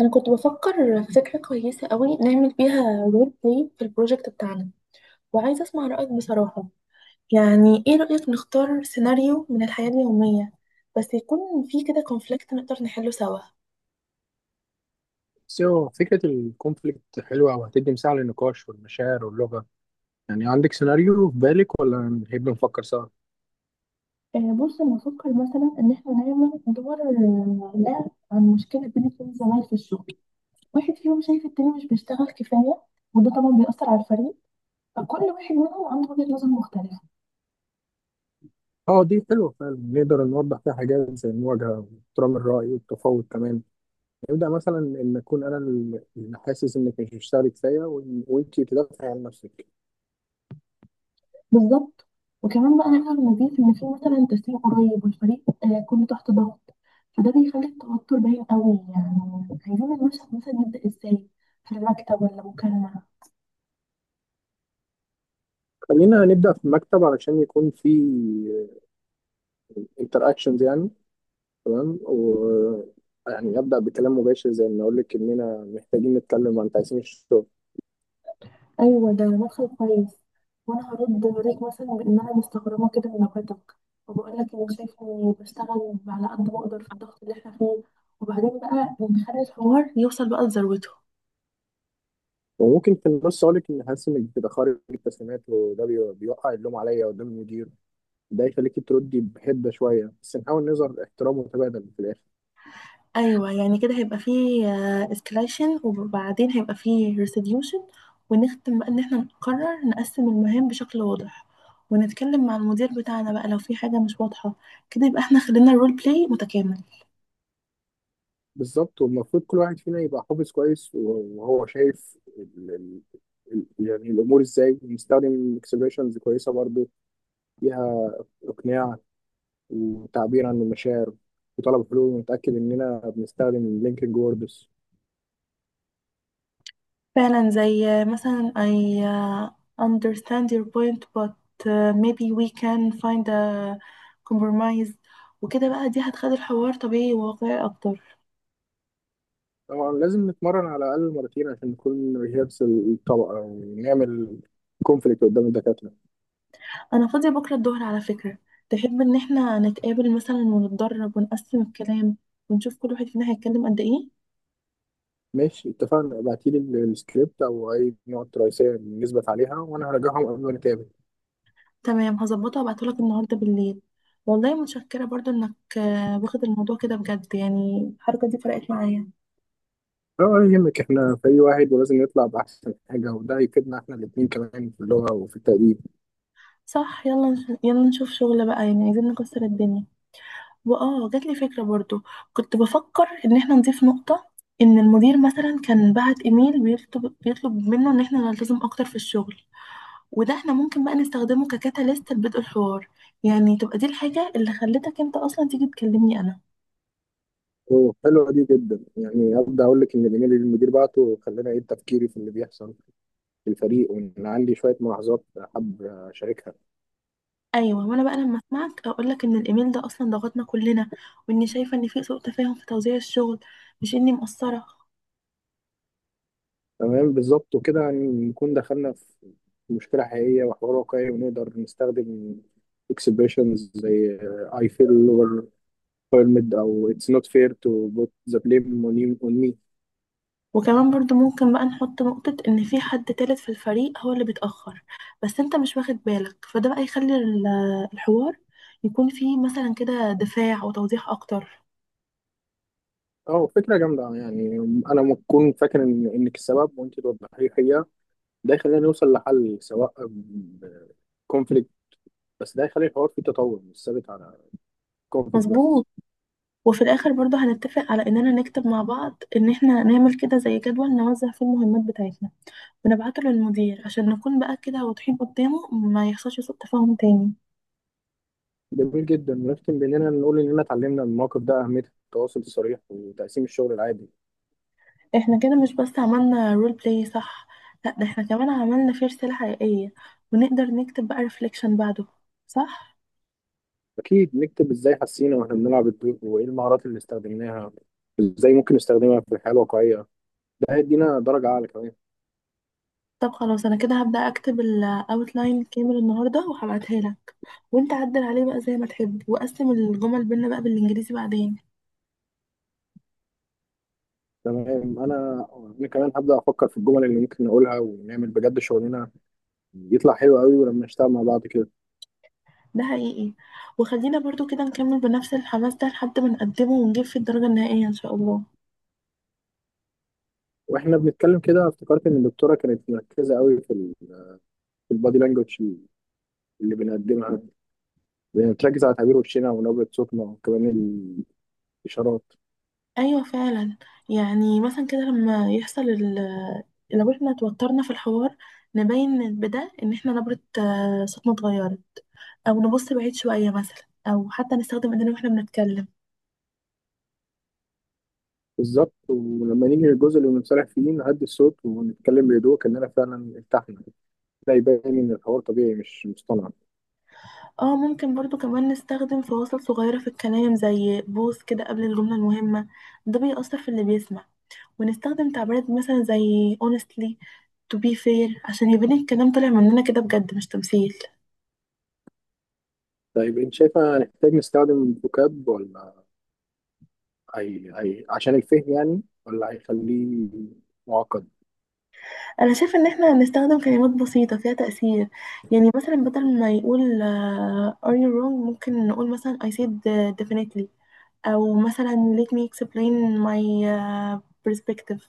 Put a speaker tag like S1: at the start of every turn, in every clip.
S1: انا كنت بفكر في فكره كويسه قوي نعمل بيها رول بلاي في البروجكت بتاعنا. وعايزه اسمع رايك بصراحه. يعني ايه رايك نختار سيناريو من الحياه اليوميه بس يكون فيه كده كونفليكت نقدر نحله سوا؟
S2: بس هو فكرة الكونفليكت حلوة وهتدي مساحة للنقاش والمشاعر واللغة. يعني عندك سيناريو في بالك ولا نحب نفكر سوا؟
S1: بص، انا بفكر مثلا ان احنا نعمل دور لعب عن مشكله بين اتنين زمايل في الشغل. واحد فيهم شايف التاني مش بيشتغل كفايه، وده طبعا بيأثر على الفريق، فكل واحد منهم عنده وجهه نظر مختلفه.
S2: اه، دي حلوة فعلا، نقدر نوضح فيها حاجات زي المواجهة واحترام الرأي والتفاوض كمان. نبدأ مثلا إن أكون أنا اللي حاسس إنك مش بتشتغلي كفاية وإنتي تدافعي عن نفسك.
S1: بالظبط. وكمان بقى العالم نظيف ان في مثلا تسليم قريب، والفريق كله تحت ضغط، فده بيخلي التوتر باين قوي. يعني عايزين المشهد مثلا يبدأ ازاي، في المكتب ولا مكالمة؟
S2: خلينا نبدأ في المكتب علشان يكون في انتر اكشنز يعني. تمام، يعني أبدأ بكلام مباشر زي إن أقول لك إننا محتاجين نتكلم عن تقسيم الشغل.
S1: ايوه، ده مدخل كويس. وانا هرد عليك مثلا بان انا مستغربة كده من نكتك، وبقول لك اني شايفة اني بشتغل على قد ما اقدر في الضغط اللي احنا فيه. وبعدين بقى نخلي الحوار يوصل بقى لذروته.
S2: وممكن في النص اقول لك ان حاسس انك بتبقى خارج التسليمات، وده بيوقع اللوم عليا قدام المدير. ده يخليك تردي بحده شويه، بس نحاول نظهر احترام متبادل في الاخر.
S1: ايوه، يعني كده هيبقى فيه اسكليشن، وبعدين هيبقى فيه ريسيديوشن. ونختم بقى ان احنا نقرر نقسم المهام بشكل واضح، ونتكلم مع المدير بتاعنا بقى لو في حاجه مش واضحه. كده يبقى احنا خلينا الرول بلاي متكامل.
S2: بالظبط، والمفروض كل واحد فينا يبقى حافظ كويس وهو شايف يعني الامور ازاي، نستخدم اكسبريشنز كويسه برضو فيها اقناع وتعبير عن المشاعر وطلب حلول، ونتاكد اننا بنستخدم لينكينج ووردز.
S1: فعلا، زي مثلا I uh, understand your point but maybe we can find a compromise. وكده بقى دي هتخلي الحوار طبيعي وواقعي اكتر.
S2: طبعا لازم نتمرن على الأقل مرتين عشان نكون ريهابس الطبقة ونعمل كونفليكت قدام الدكاترة.
S1: انا فاضيه بكره الظهر على فكره. تحب ان احنا نتقابل مثلا ونتدرب ونقسم الكلام، ونشوف كل واحد فينا هيتكلم قد ايه؟
S2: ماشي اتفقنا، ابعتيلي السكريبت أو أي نقط رئيسية نثبت عليها، وأنا هراجعهم قبل ما نتقابل.
S1: تمام، هظبطها وابعتهولك النهارده بالليل. والله متشكره برضو انك واخد الموضوع كده بجد، يعني الحركه دي فرقت معايا.
S2: اه ولا يهمك، احنا فريق واحد ولازم نطلع بأحسن حاجة، وده هيفيدنا احنا الاتنين كمان في اللغة وفي التقديم.
S1: صح، يلا نشوف شغل بقى، يعني عايزين نكسر الدنيا. واه جات لي فكره برضو. كنت بفكر ان احنا نضيف نقطه، ان المدير مثلا كان بعت ايميل بيطلب منه ان احنا نلتزم اكتر في الشغل، وده احنا ممكن بقى نستخدمه ككاتاليست لبدء الحوار. يعني تبقى دي الحاجة اللي خلتك انت اصلا تيجي تكلمني انا.
S2: حلوة دي جدا، يعني أبدأ أقول لك إن الإيميل اللي المدير بعته خلاني أعيد تفكيري في اللي بيحصل في الفريق، وإن عندي شوية ملاحظات حابب أشاركها.
S1: ايوه، وانا بقى لما اسمعك اقولك ان الايميل ده اصلا ضغطنا كلنا، واني شايفة ان في سوء تفاهم في توزيع الشغل، مش اني مقصرة.
S2: تمام بالظبط، وكده يعني نكون دخلنا في مشكلة حقيقية وحوار واقعي، ونقدر نستخدم expressions زي I feel or permit، أو it's not fair to put the blame on on me.
S1: وكمان برضو ممكن بقى نحط نقطة ان في حد تالت في الفريق هو اللي بيتأخر، بس انت مش واخد بالك، فده بقى يخلي الحوار يكون فيه مثلا كده دفاع وتوضيح اكتر.
S2: أه فكرة جامدة، يعني أنا لما أكون فاكر إن إنك السبب وأنت توضحي لي الحقيقة، ده يخلينا نوصل لحل سواء conflict، بس ده يخلي الحوار فيه تطور مش ثابت على conflict بس.
S1: مظبوط. وفي الاخر برضو هنتفق على اننا نكتب مع بعض ان احنا نعمل كده زي جدول نوزع فيه المهمات بتاعتنا، ونبعته للمدير عشان نكون بقى كده واضحين قدامه، ما يحصلش سوء تفاهم تاني.
S2: جميل جدا، ونختم بإننا نقول إننا اتعلمنا من الموقف ده أهمية التواصل الصريح وتقسيم الشغل العادي.
S1: احنا كده مش بس عملنا رول بلاي صح، لا ده احنا كمان عملنا فيه رسالة حقيقية. ونقدر نكتب بقى ريفليكشن بعده، صح؟
S2: أكيد نكتب إزاي حسينا وإحنا بنلعب الدور، وإيه المهارات اللي استخدمناها، إزاي ممكن نستخدمها في الحياة الواقعية. ده هيدينا درجة أعلى كمان.
S1: طب خلاص، انا كده هبدأ اكتب الاوتلاين كامل النهارده وهبعتها لك. وانت عدل عليه بقى زي ما تحب، وقسم الجمل بينا بقى بالانجليزي بعدين.
S2: تمام، أنا كمان هبدأ أفكر في الجمل اللي ممكن نقولها، ونعمل بجد شغلنا يطلع حلو قوي ولما نشتغل مع بعض كده.
S1: ده حقيقي. وخلينا برضو كده نكمل بنفس الحماس ده لحد ما نقدمه ونجيب في الدرجة النهائية إن شاء الله.
S2: وإحنا بنتكلم كده افتكرت إن الدكتورة كانت مركزة قوي في في البادي لانجوج اللي بنقدمها، بنركز على تعبير وشنا ونبرة صوتنا وكمان إشارات.
S1: أيوة فعلا. يعني مثلا كده لما يحصل لو احنا اتوترنا في الحوار، نبين بده إن احنا نبرة صوتنا اتغيرت، أو نبص بعيد شوية مثلا، أو حتى نستخدم إيدينا واحنا بنتكلم.
S2: بالظبط، ولما نيجي للجزء اللي بنصالح فيه نهدي الصوت ونتكلم بهدوء كأننا فعلا ارتحنا. ده يبين إن الحوار طبيعي مش مصطنع.
S1: اه، ممكن برضو كمان نستخدم فواصل صغيرة في الكلام زي بوز كده قبل الجملة المهمة، ده بيأثر في اللي بيسمع. ونستخدم تعبيرات مثلا زي honestly, to be fair، عشان يبان الكلام طالع مننا كده بجد مش تمثيل.
S2: طيب أنت شايفة هنحتاج نستخدم فوكاب ولا أي عشان الفهم يعني، ولا هيخليه معقد؟
S1: انا شايف ان احنا نستخدم كلمات بسيطة فيها تأثير. يعني مثلا بدل ما يقول are you wrong، ممكن نقول مثلا I said definitely، او مثلا let me explain my perspective.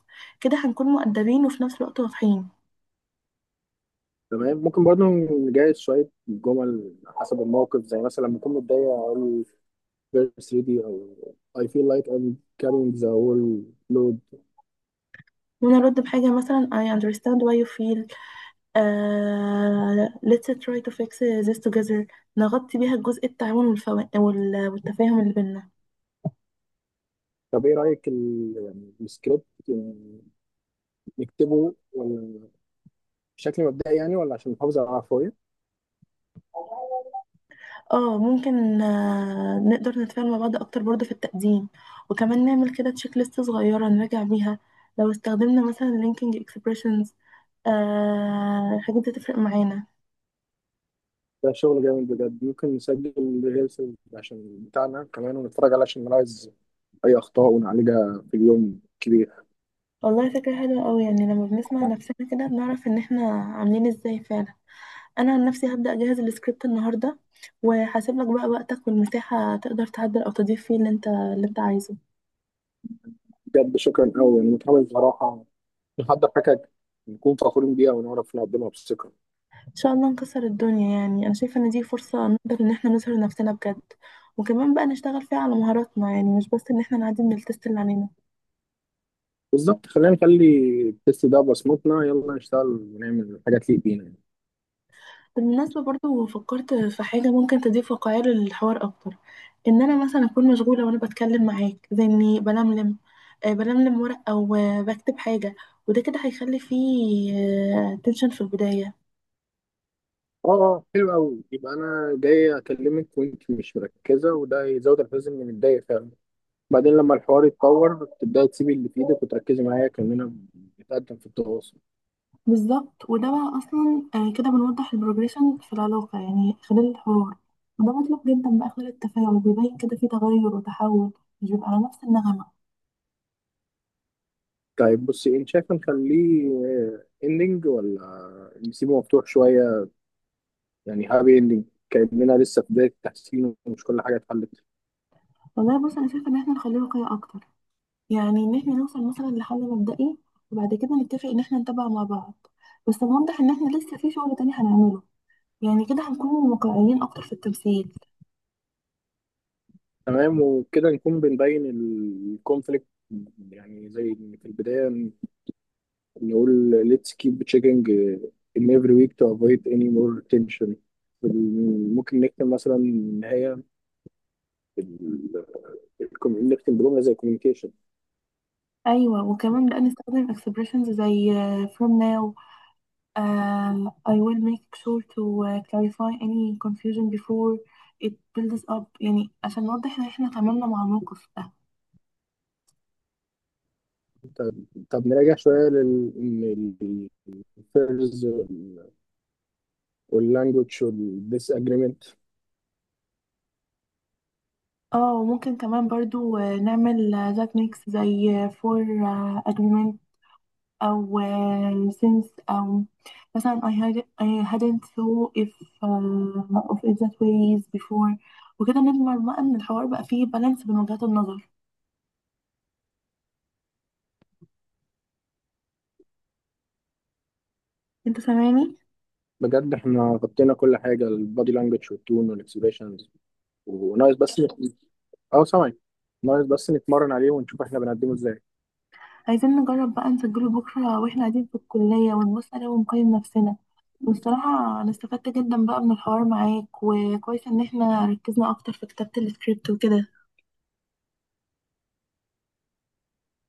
S1: كده هنكون مؤدبين وفي نفس الوقت واضحين.
S2: تمام، ممكن برضه نجهز شوية جمل حسب الموقف، زي مثلا لما أكون متضايق أقول verse ready، أو I feel like I'm carrying the whole load.
S1: ونرد بحاجة مثلا I understand why you feel let's try to fix this together، نغطي بيها الجزء التعاون والتفاهم اللي بينا.
S2: طب إيه رأيك يعني السكريبت يعني نكتبه، ولا بشكل مبدئي يعني، ولا عشان نحافظ على العفوية؟
S1: اه، ممكن نقدر نتفاعل مع بعض اكتر برضه في التقديم، وكمان نعمل كده تشيك ليست صغيره نراجع بيها لو استخدمنا مثلا لينكينج اكسبريشنز. الحاجات دي تفرق معانا.
S2: ده شغل جامد بجد، ممكن نسجل ريلز عشان بتاعنا كمان ونتفرج عليه عشان نلاحظ أي أخطاء ونعالجها في اليوم كبير.
S1: والله فكره حلوه قوي. يعني لما بنسمع نفسنا كده بنعرف ان احنا عاملين ازاي فعلا. انا عن نفسي هبدا اجهز السكريبت النهارده، وهسيب لك بقى وقتك والمساحه تقدر تعدل او تضيف فيه اللي انت عايزه.
S2: بجد شكرا أوي، يعني متحمس بصراحة نحضر حاجة نكون فخورين بيها ونعرف نقدمها بثقة.
S1: ان شاء الله نكسر الدنيا. يعني انا شايفه ان دي فرصه نقدر ان احنا نظهر نفسنا بجد، وكمان بقى نشتغل فيها على مهاراتنا، يعني مش بس ان احنا نعدي من التست اللي علينا.
S2: بالظبط، خلينا نخلي التست ده بصمتنا، يلا نشتغل ونعمل حاجة تليق بينا يعني.
S1: بالمناسبه، برضو فكرت في حاجه ممكن تضيف واقعيه للحوار اكتر. ان انا مثلا اكون مشغوله وانا بتكلم معاك زي اني بلملم بلملم ورق او بكتب حاجه، وده كده هيخلي فيه تنشن في البدايه.
S2: اه. اه حلو أوي، يبقى أنا جاي أكلمك وأنت مش مركزة، وده يزود الحزن إني متضايق فعلا. بعدين لما الحوار يتطور تبدأي تسيبي اللي في إيدك وتركزي معايا كأننا بنتقدم في التواصل.
S1: بالظبط. وده بقى اصلا كده بنوضح البروجريشن في العلاقه يعني خلال الحوار. وده مطلوب جدا بقى خلال التفاعل بيبين كده في تغير وتحول، مش بيبقى على نفس النغمه.
S2: طيب بصي، انت شايفه نخليه اندنج، ولا نسيبه مفتوح شويه يعني، هابي اندنج كاننا لسه في بدايه التحسين ومش كل حاجه اتحلت؟
S1: والله بص، انا شايفه ان احنا نخليه واقعي اكتر. يعني ان احنا نوصل مثلا لحل مبدئي، وبعد كده نتفق ان احنا نتابع مع بعض، بس نوضح ان احنا لسه في شغل تاني هنعمله. يعني كده هنكون واقعيين اكتر في التمثيل.
S2: تمام، وكده نكون بنبين الكونفليكت، يعني زي إن في البدايه نقول let's keep checking in every week to avoid any more tension. ممكن نكتب مثلا ان هي ال- نكتب بجمله زي communication.
S1: ايوه، وكمان بقى نستخدم expressions زي from now, I will make sure to clarify any confusion before it builds up، يعني عشان نوضح ان احنا تعاملنا مع الموقف ده.
S2: طب طب نراجع شويه لل إن ال- first واللانجوج والديس اجريمنت.
S1: اه، ممكن كمان برضو نعمل ذات ميكس زي for agreement، او since، او مثلا I hadn't thought if of it that ways before. وكده نضمن بقى ان الحوار بقى فيه بالانس بين وجهات النظر. انت سامعني؟
S2: بجد احنا غطينا كل حاجه، البادي لانجوج والتون والاكسبريشنز، وناقص بس اه سامعك، ناقص بس نتمرن عليه ونشوف احنا بنقدمه ازاي.
S1: عايزين نجرب بقى نسجله بكرة واحنا قاعدين في الكلية، ونبص عليه ونقيم نفسنا. والصراحة أنا استفدت جدا بقى من الحوار معاك، وكويس إن احنا ركزنا أكتر في كتابة السكريبت وكده.